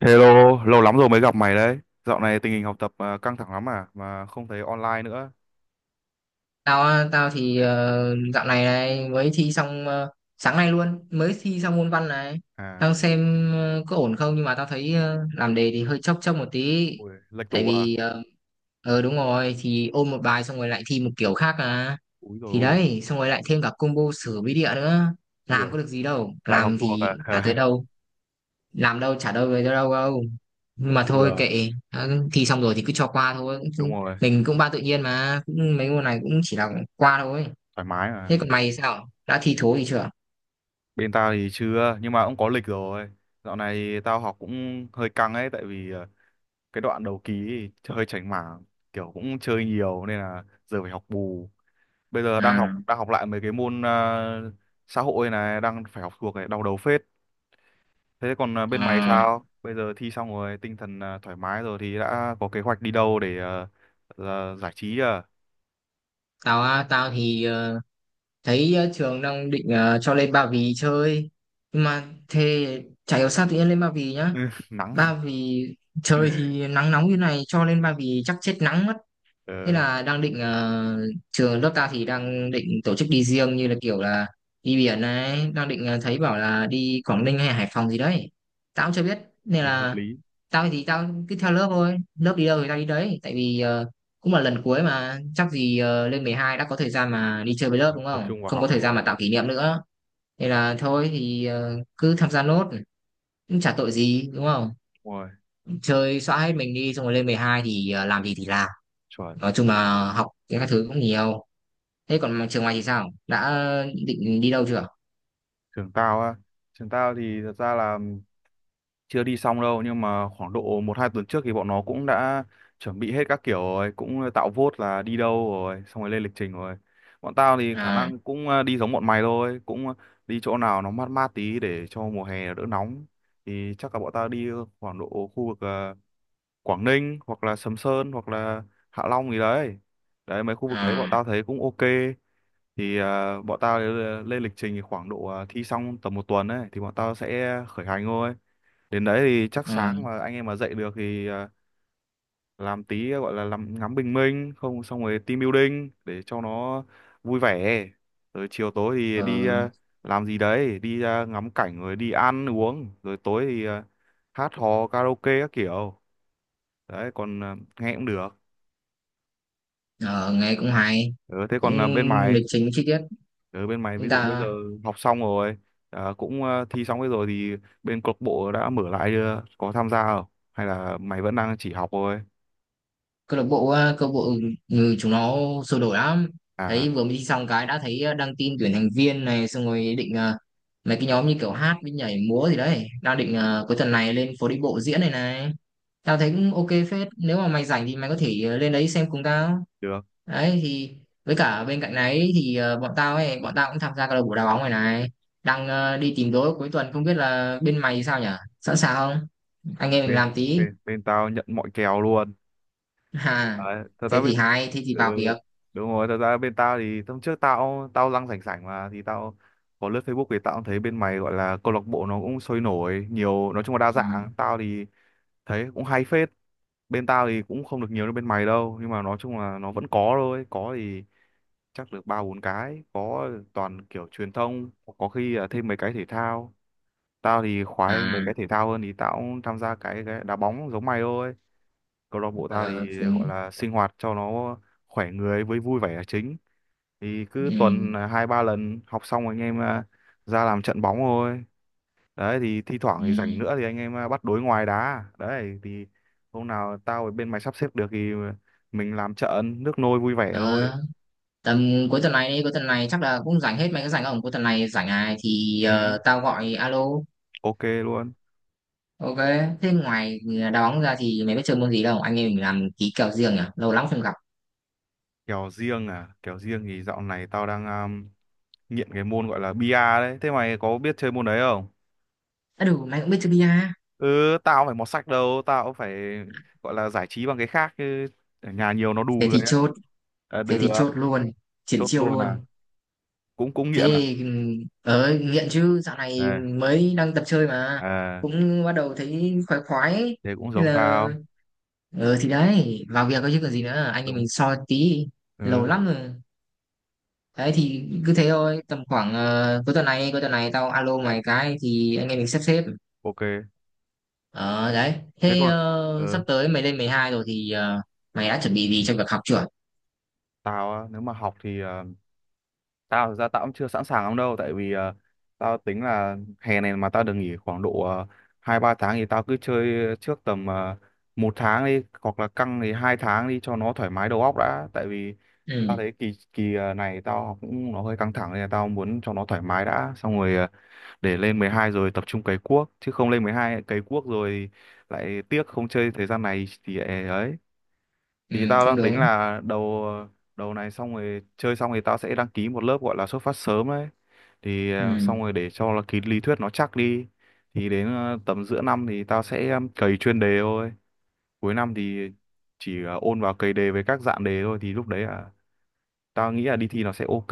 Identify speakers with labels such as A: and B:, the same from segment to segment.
A: Hello, lâu lắm rồi mới gặp mày đấy. Dạo này tình hình học tập căng thẳng lắm à, mà không thấy online nữa.
B: Tao á, tao thì dạo này này mới thi xong sáng nay luôn mới thi xong môn văn này.
A: À,
B: Đang xem có ổn không, nhưng mà tao thấy làm đề thì hơi chốc chốc một tí.
A: ui, lệch
B: Tại
A: tủ à.
B: vì đúng rồi, thì ôn một bài xong rồi lại thi một kiểu khác à,
A: Úi rồi
B: thì
A: ôi,
B: đấy, xong rồi lại thêm cả combo sửa bí địa nữa,
A: ui,
B: làm
A: dồi,
B: có được gì đâu,
A: lại học
B: làm
A: thuộc à.
B: thì chả tới đâu, làm đâu trả đâu về đâu đâu. Nhưng mà thôi
A: Bừa,
B: kệ đã- thi xong rồi thì cứ cho qua thôi.
A: đúng
B: Cũng-
A: rồi,
B: mình cũng ba tự nhiên mà, cũng mấy môn này cũng chỉ là qua thôi.
A: thoải mái mà.
B: Thế còn mày, sao đã thi thố gì chưa?
A: Bên tao thì chưa, nhưng mà cũng có lịch rồi. Dạo này thì tao học cũng hơi căng ấy, tại vì à, cái đoạn đầu ký thì hơi chảnh mảng, kiểu cũng chơi nhiều nên là giờ phải học bù. Bây giờ
B: À,
A: đang học lại mấy cái môn à, xã hội này, đang phải học thuộc này, đau đầu phết. Thế còn à, bên mày
B: à,
A: sao? Bây giờ thi xong rồi, tinh thần à, thoải mái rồi thì đã có kế hoạch đi đâu để à, là giải trí à?
B: tao á, tao thì thấy trường đang định cho lên Ba Vì chơi. Nhưng mà thế chả hiểu sao tự nhiên lên Ba Vì nhá.
A: Ừ, nắng.
B: Ba Vì trời thì nắng nóng như này, cho lên Ba Vì chắc chết nắng mất. Thế
A: Ờ,
B: là đang định trường lớp ta thì đang định tổ chức đi riêng như là kiểu là đi biển này, đang định thấy bảo là đi Quảng Ninh hay Hải Phòng gì đấy. Tao cũng chưa biết nên
A: nghe hợp
B: là
A: lý.
B: tao thì tao cứ theo lớp thôi, lớp đi đâu thì tao đi đấy, tại vì cũng là lần cuối, mà chắc gì lên 12 đã có thời gian mà đi chơi với lớp
A: Phải
B: đúng
A: tập
B: không?
A: trung vào
B: Không có
A: học
B: thời gian
A: rồi.
B: mà tạo kỷ niệm nữa. Nên là thôi thì cứ tham gia nốt, cũng chả tội gì đúng không?
A: Đúng rồi,
B: Chơi xóa hết mình đi, xong rồi lên 12 thì làm gì thì làm.
A: chuẩn.
B: Nói chung là học các thứ cũng nhiều. Thế còn mà trường ngoài thì sao? Đã định đi đâu chưa?
A: Trường tao á, trường tao thì thật ra là chưa đi xong đâu, nhưng mà khoảng độ một hai tuần trước thì bọn nó cũng đã chuẩn bị hết các kiểu rồi, cũng tạo vote là đi đâu rồi xong rồi lên lịch trình rồi. Bọn tao thì khả
B: À,
A: năng cũng đi giống bọn mày thôi, cũng đi chỗ nào nó mát mát tí để cho mùa hè đỡ nóng. Thì chắc là bọn tao đi khoảng độ khu vực Quảng Ninh hoặc là Sầm Sơn hoặc là Hạ Long gì đấy. Đấy, mấy khu vực đấy bọn
B: à,
A: tao thấy cũng ok. Thì bọn tao lên lịch trình thì khoảng độ thi xong tầm một tuần ấy thì bọn tao sẽ khởi hành thôi. Đến đấy thì chắc
B: à,
A: sáng mà anh em mà dậy được thì à, làm tí gọi là làm ngắm bình minh, không xong rồi team building để cho nó vui vẻ, rồi chiều tối thì đi
B: ờ,
A: à, làm gì đấy, đi à, ngắm cảnh rồi đi ăn uống, rồi tối thì à, hát hò karaoke các kiểu. Đấy, còn à, nghe cũng được.
B: ờ, nghe cũng hay,
A: Ừ, thế
B: cũng
A: còn à, bên mày,
B: lịch trình chi tiết.
A: ở bên mày ví
B: Chúng
A: dụ bây giờ
B: ta
A: học xong rồi à, cũng à, thi xong hết rồi thì bên câu lạc bộ đã mở lại chưa, có tham gia không, hay là mày vẫn đang chỉ học thôi
B: câu lạc bộ câu lạc bộ người chúng nó sôi nổi lắm.
A: à?
B: Thấy vừa mới đi xong cái đã thấy đăng tin tuyển thành viên này, xong rồi định mấy cái nhóm như kiểu hát với nhảy múa gì đấy. Đang định cuối tuần này lên phố đi bộ diễn này này. Tao thấy cũng ok phết. Nếu mà mày rảnh thì mày có thể lên đấy xem cùng tao.
A: Được.
B: Đấy thì với cả bên cạnh đấy thì bọn tao ấy, bọn tao cũng tham gia câu lạc bộ đá bóng này này, đang đi tìm đối cuối tuần, không biết là bên mày thì sao nhở, sẵn sàng không, anh em mình
A: Bên
B: làm tí.
A: bên Bên tao nhận mọi kèo luôn.
B: À,
A: Đấy, thật ra
B: thế
A: bên,
B: thì hay, thế thì
A: ừ,
B: vào việc.
A: đúng rồi, thật ra bên tao thì hôm trước tao tao lăng sảnh sảnh mà thì tao có lướt Facebook thì tao cũng thấy bên mày gọi là câu lạc bộ nó cũng sôi nổi nhiều, nói chung là đa
B: Ừ.
A: dạng. Tao thì thấy cũng hay phết. Bên tao thì cũng không được nhiều như bên mày đâu, nhưng mà nói chung là nó vẫn có thôi. Có thì chắc được ba bốn cái, có toàn kiểu truyền thông, có khi là thêm mấy cái thể thao. Tao thì khoái mấy cái
B: À.
A: thể thao hơn, thì tao cũng tham gia cái đá bóng giống mày thôi. Câu lạc bộ ta
B: Ờ,
A: thì
B: ừ.
A: gọi là sinh hoạt cho nó khỏe người với vui vẻ là chính, thì cứ tuần
B: Ừ.
A: là hai ba lần học xong anh em à, ra làm trận bóng thôi. Đấy thì thi thoảng thì rảnh nữa thì anh em à, bắt đối ngoài đá. Đấy thì hôm nào tao ở bên mày sắp xếp được thì mình làm trận nước nôi vui vẻ thôi.
B: Ờ, tầm cuối tuần này đi, cuối tuần này chắc là cũng rảnh hết, mày có rảnh không? Cuối tuần này rảnh này thì
A: Ừ,
B: tao gọi alo.
A: ok luôn.
B: Ok. Thế ngoài đá bóng ra thì mày biết chơi môn gì đâu, anh em mình làm ký kèo riêng nhỉ, lâu lắm không gặp.
A: Kèo riêng à? Kèo riêng thì dạo này tao đang à, nghiện cái môn gọi là bia đấy, thế mày có biết chơi môn đấy không?
B: À đủ, mày cũng biết chơi bia.
A: Ừ, tao phải mọt sách đâu, tao phải gọi là giải trí bằng cái khác chứ, ở nhà nhiều nó đù
B: Thế
A: người
B: thì
A: ấy.
B: chốt.
A: À,
B: Thế thì
A: được.
B: chốt luôn, triển
A: Chốt
B: chiêu
A: luôn à?
B: luôn.
A: Cũng cũng nghiện à.
B: Thế ờ nghiện chứ, dạo này
A: Đây
B: mới đang tập chơi mà
A: à.
B: cũng bắt đầu thấy khoái khoái ấy.
A: Thế cũng
B: Nên
A: giống
B: là
A: tao.
B: ờ thì đấy, vào việc có chứ còn gì nữa, anh em
A: Đúng.
B: mình soi tí lâu
A: Ừ.
B: lắm rồi. Đấy thì cứ thế thôi, tầm khoảng cuối tuần này, cuối tuần này tao alo mày cái thì anh em mình sắp xếp.
A: Ok.
B: Ờ đấy,
A: Thế
B: thế
A: còn,
B: sắp
A: ừ,
B: tới mày lên 12 rồi thì mày đã chuẩn bị gì cho việc học chưa?
A: tao á, nếu mà học thì tao thực ra tao cũng chưa sẵn sàng lắm đâu, tại vì tao tính là hè này mà tao được nghỉ khoảng độ hai ba tháng thì tao cứ chơi trước tầm một tháng đi, hoặc là căng thì hai tháng đi cho nó thoải mái đầu óc đã. Tại vì tao
B: Ừ.
A: thấy kỳ kỳ này tao học cũng nó hơi căng thẳng, nên là tao muốn cho nó thoải mái đã, xong rồi để lên 12 rồi tập trung cày cuốc, chứ không lên 12 cày cuốc rồi lại tiếc không chơi thời gian này thì ấy.
B: Ừ.
A: Thì tao
B: Không,
A: đang tính
B: đúng.
A: là đầu đầu này xong rồi chơi xong thì tao sẽ đăng ký một lớp gọi là xuất phát sớm đấy. Thì
B: Ừ.
A: xong rồi để cho là cái lý thuyết nó chắc đi. Thì đến tầm giữa năm thì tao sẽ cày chuyên đề thôi. Cuối năm thì chỉ ôn vào cày đề với các dạng đề thôi, thì lúc đấy là tao nghĩ là đi thi nó sẽ ok.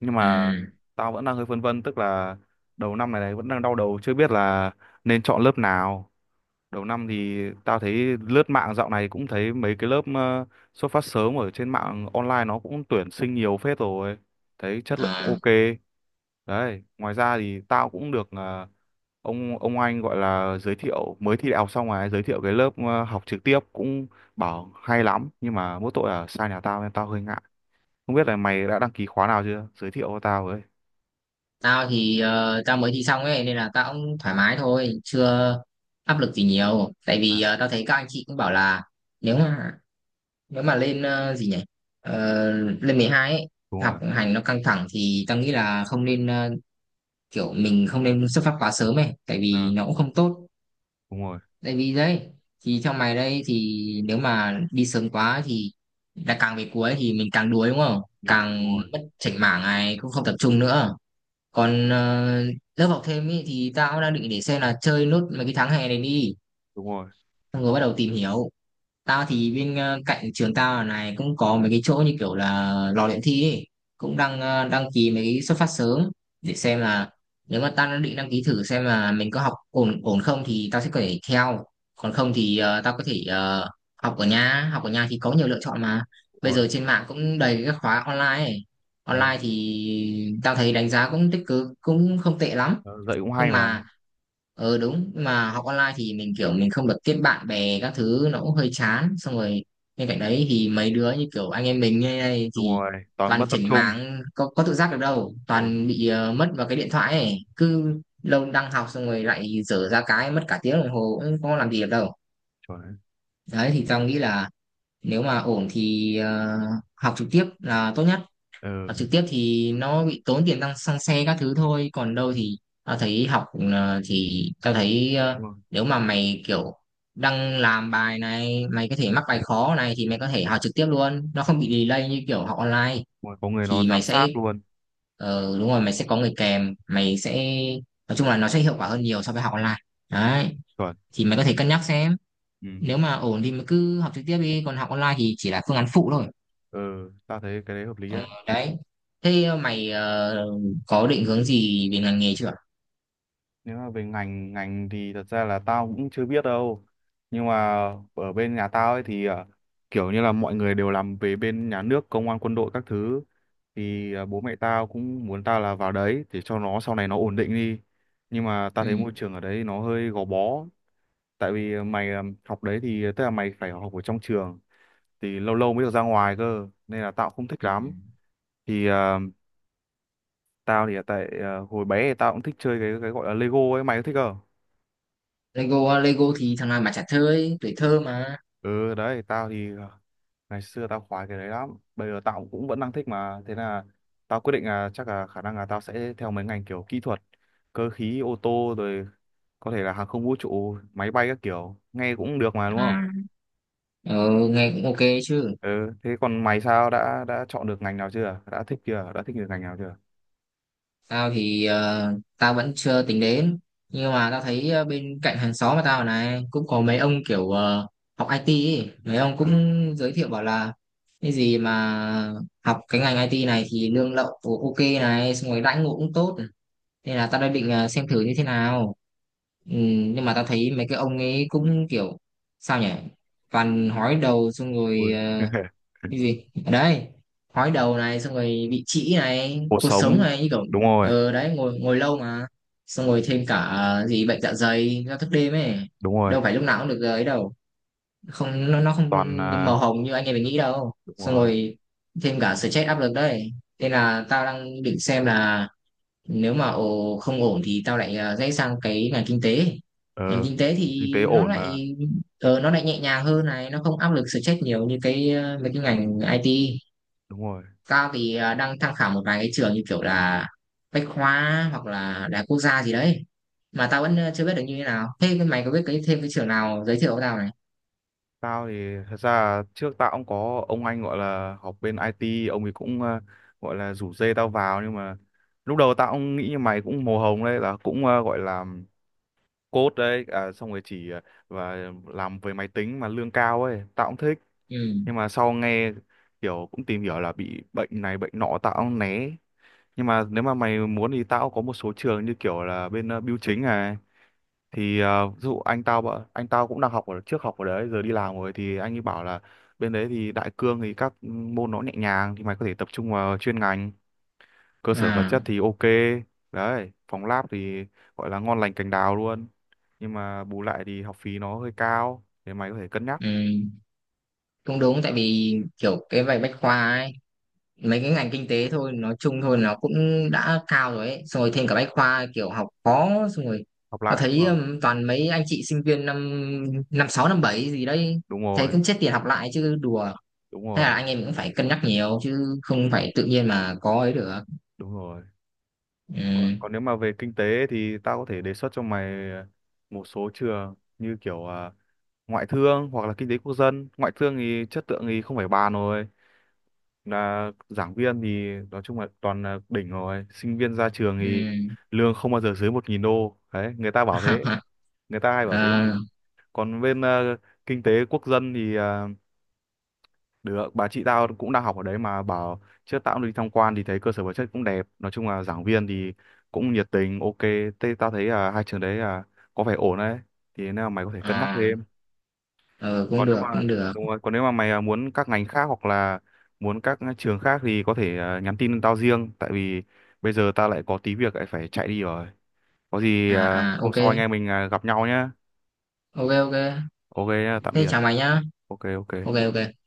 A: Nhưng mà
B: Ừ.
A: tao vẫn đang hơi phân vân, tức là đầu năm này, này vẫn đang đau đầu chưa biết là nên chọn lớp nào. Đầu năm thì tao thấy lướt mạng dạo này cũng thấy mấy cái lớp xuất phát sớm ở trên mạng online nó cũng tuyển sinh nhiều phết rồi, thấy chất lượng cũng
B: Ờ.
A: ok. Đấy, ngoài ra thì tao cũng được ông anh gọi là giới thiệu mới thi đại học xong rồi giới thiệu cái lớp học trực tiếp, cũng bảo hay lắm nhưng mà mỗi tội là xa nhà tao nên tao hơi ngại. Không biết là mày đã đăng ký khóa nào chưa, giới thiệu cho tao với.
B: Tao thì tao mới thi xong ấy nên là tao cũng thoải mái thôi, chưa áp lực gì nhiều. Tại
A: À,
B: vì tao thấy các anh chị cũng bảo là nếu mà nếu mà lên gì nhỉ? Ờ, lên 12 ấy,
A: đúng
B: học
A: rồi.
B: hành nó căng thẳng thì tao nghĩ là không nên kiểu mình không nên xuất phát quá sớm ấy, tại vì
A: À,
B: nó cũng không tốt.
A: đúng rồi.
B: Tại vì đấy thì theo mày đây thì nếu mà đi sớm quá thì đã càng về cuối thì mình càng đuối đúng không?
A: Nản, đúng
B: Càng
A: rồi.
B: mất chảnh mảng này cũng không tập trung nữa. Còn lớp học thêm ý, thì tao đang định để xem là chơi nốt mấy cái tháng hè này đi,
A: Đúng rồi.
B: xong rồi bắt đầu tìm hiểu. Tao thì bên cạnh trường tao ở này cũng có mấy cái chỗ như kiểu là lò luyện thi ấy. Cũng đang đăng ký mấy cái xuất phát sớm để xem là nếu mà tao đã định đăng ký thử xem là mình có học ổn ổn không thì tao sẽ có thể theo, còn không thì tao có thể học ở nhà, học ở nhà thì có nhiều lựa chọn mà,
A: Đúng
B: bây
A: rồi,
B: giờ trên mạng cũng đầy các khóa online ấy.
A: đúng
B: Online thì tao thấy đánh giá cũng tích cực, cũng không tệ lắm,
A: rồi. Dạy cũng
B: nhưng
A: hay mà.
B: mà ừ đúng, nhưng mà học online thì mình kiểu mình không được kết bạn bè các thứ, nó cũng hơi chán. Xong rồi bên cạnh đấy thì mấy đứa như kiểu anh em mình như này
A: Đúng
B: thì
A: rồi, toàn mất
B: toàn
A: tập
B: chảnh
A: trung.
B: mảng, có tự giác được đâu,
A: Đúng rồi,
B: toàn bị mất vào cái điện thoại ấy, cứ lâu đang học xong rồi lại dở ra cái mất cả tiếng đồng hồ cũng không làm gì được đâu.
A: chuẩn đấy.
B: Đấy thì tao nghĩ là nếu mà ổn thì học trực tiếp là tốt nhất. Học
A: Ừ,
B: trực tiếp thì nó bị tốn tiền tăng xăng xe các thứ thôi, còn đâu thì tao thấy học ờ, thì tao thấy ờ,
A: đúng rồi.
B: nếu mà mày kiểu đang làm bài này, mày có thể mắc bài khó này thì mày có thể học trực tiếp luôn, nó
A: Đúng
B: không bị delay như kiểu học online,
A: rồi, có người nó
B: thì mày
A: giám
B: sẽ
A: sát luôn.
B: đúng rồi, mày sẽ có người kèm, mày sẽ nói chung là nó sẽ hiệu quả hơn nhiều so với học online. Đấy
A: Chuẩn.
B: thì mày có thể cân nhắc xem,
A: Ừ.
B: nếu mà ổn thì mày cứ học trực tiếp đi, còn học online thì chỉ là phương án phụ thôi.
A: Ừ, tao thấy cái đấy hợp lý
B: Ờ,
A: đấy.
B: đấy, thế có định hướng gì về ngành nghề chưa?
A: Nếu mà về ngành ngành thì thật ra là tao cũng chưa biết đâu, nhưng mà ở bên nhà tao ấy thì à, kiểu như là mọi người đều làm về bên nhà nước, công an, quân đội các thứ, thì à, bố mẹ tao cũng muốn tao là vào đấy để cho nó sau này nó ổn định đi. Nhưng mà tao thấy
B: Ừ.
A: môi trường ở đấy nó hơi gò bó, tại vì mày à, học đấy thì tức là mày phải học ở trong trường, thì lâu lâu mới được ra ngoài cơ, nên là tao cũng không thích
B: Ừ.
A: lắm. Thì tao thì tại hồi bé thì tao cũng thích chơi cái gọi là Lego ấy, mày có thích không?
B: Lego, Lego thì thằng nào mà chả thơ, tuổi thơ mà.
A: Ừ đấy, tao thì ngày xưa tao khoái cái đấy lắm, bây giờ tao cũng vẫn đang thích mà. Thế là tao quyết định là chắc là khả năng là tao sẽ theo mấy ngành kiểu kỹ thuật, cơ khí ô tô rồi có thể là hàng không vũ trụ, máy bay các kiểu, nghe cũng được mà đúng không?
B: À. Ờ, nghe cũng ok chứ.
A: Ừ, thế còn mày sao, đã chọn được ngành nào chưa, đã thích chưa, đã thích được ngành nào chưa?
B: Tao thì tao vẫn chưa tính đến, nhưng mà tao thấy bên cạnh hàng xóm mà tao này cũng có mấy ông kiểu học IT ấy. Mấy ông cũng
A: Ờ.
B: giới thiệu bảo là cái gì mà học cái ngành IT này thì lương lậu ok này, xong rồi đãi ngộ cũng tốt, nên là tao đã định xem thử như thế nào. Ừ, nhưng mà tao thấy mấy cái ông ấy cũng kiểu sao nhỉ, toàn hói đầu, xong rồi
A: Ui.
B: cái gì ở đấy, hói đầu này xong rồi bị trĩ này,
A: Cuộc
B: cột sống
A: sống,
B: này, như kiểu
A: đúng rồi.
B: ờ đấy, ngồi ngồi lâu mà, xong rồi thêm cả gì bệnh dạ dày do thức đêm ấy,
A: Đúng rồi,
B: đâu phải lúc nào cũng được ấy đâu, không nó, nó không
A: toàn à,
B: màu hồng như anh em mình nghĩ đâu,
A: đúng
B: xong
A: rồi.
B: rồi thêm cả stress áp lực đấy. Nên là tao đang định xem là nếu mà ồ, không ổn thì tao lại rẽ sang cái ngành kinh tế. Ngành
A: Ờ,
B: kinh tế
A: kinh tế
B: thì nó
A: ổn mà.
B: lại nó lại nhẹ nhàng hơn này, nó không áp lực stress nhiều như cái mấy cái ngành IT.
A: Đúng rồi.
B: Tao thì đang tham khảo một vài cái trường như kiểu là Bách Khoa hoặc là Đại học Quốc gia gì đấy, mà tao vẫn chưa biết được như thế nào. Thế cái mày có biết cái thêm cái trường nào giới thiệu với tao này.
A: Tao thì thật ra là trước tao cũng có ông anh gọi là học bên IT, ông ấy cũng à, gọi là rủ dê tao vào, nhưng mà lúc đầu tao cũng nghĩ như mày, cũng màu hồng đấy, là cũng à, gọi là code đấy à, xong rồi chỉ à, và làm về máy tính mà lương cao ấy, tao cũng thích.
B: Ừ.
A: Nhưng mà sau nghe kiểu cũng tìm hiểu là bị bệnh này bệnh nọ tao cũng né. Nhưng mà nếu mà mày muốn thì tao cũng có một số trường như kiểu là bên à, bưu chính này, thì à, ví dụ anh tao anh tao cũng đang học ở trước học ở đấy giờ đi làm rồi, thì anh ấy bảo là bên đấy thì đại cương thì các môn nó nhẹ nhàng, thì mày có thể tập trung vào chuyên ngành, cơ sở vật
B: À.
A: chất thì ok. Đấy, phòng lab thì gọi là ngon lành cành đào luôn, nhưng mà bù lại thì học phí nó hơi cao, thì mày có thể cân nhắc.
B: Ừ, cũng đúng, tại vì kiểu cái bài Bách Khoa ấy, mấy cái ngành kinh tế thôi, nói chung thôi nó cũng đã cao rồi ấy, xong rồi thêm cả Bách Khoa kiểu học khó, xong rồi
A: Học
B: tao
A: lại đúng
B: thấy
A: không.
B: toàn mấy anh chị sinh viên năm năm sáu năm bảy gì đấy,
A: Đúng
B: thấy
A: rồi.
B: cũng chết tiền học lại chứ đùa.
A: Đúng
B: Thế là
A: rồi.
B: anh em cũng phải cân nhắc nhiều, chứ không
A: Trời,
B: phải tự nhiên mà có ấy được.
A: đúng rồi.
B: Ừ.
A: Còn, còn nếu mà về kinh tế thì tao có thể đề xuất cho mày một số trường như kiểu ngoại thương hoặc là kinh tế quốc dân. Ngoại thương thì chất lượng thì không phải bàn rồi, là giảng viên thì nói chung là toàn là đỉnh rồi, sinh viên ra trường
B: Ừ.
A: thì lương không bao giờ dưới $1,000 đấy, người ta bảo thế. Người ta hay bảo thế mà.
B: À,
A: Còn bên kinh tế quốc dân thì được bà chị tao cũng đang học ở đấy mà bảo, trước tao cũng đi tham quan thì thấy cơ sở vật chất cũng đẹp, nói chung là giảng viên thì cũng nhiệt tình ok. Thế tao thấy là hai trường đấy là có vẻ ổn đấy, thì nếu mà mày có thể cân nhắc thế.
B: à, ừ, cũng
A: Còn nếu
B: được,
A: mà,
B: cũng được.
A: đúng rồi, còn nếu mà mày à, muốn các ngành khác hoặc là muốn các trường khác thì có thể à, nhắn tin tao riêng, tại vì bây giờ tao lại có tí việc lại phải chạy đi rồi. Có gì à,
B: À, à,
A: hôm
B: ok.
A: sau anh em mình à, gặp nhau nhé.
B: Ok ok.
A: Ok nhá, tạm
B: Thế
A: biệt.
B: chào mày nhá.
A: Ok
B: Ok
A: ok.
B: ok.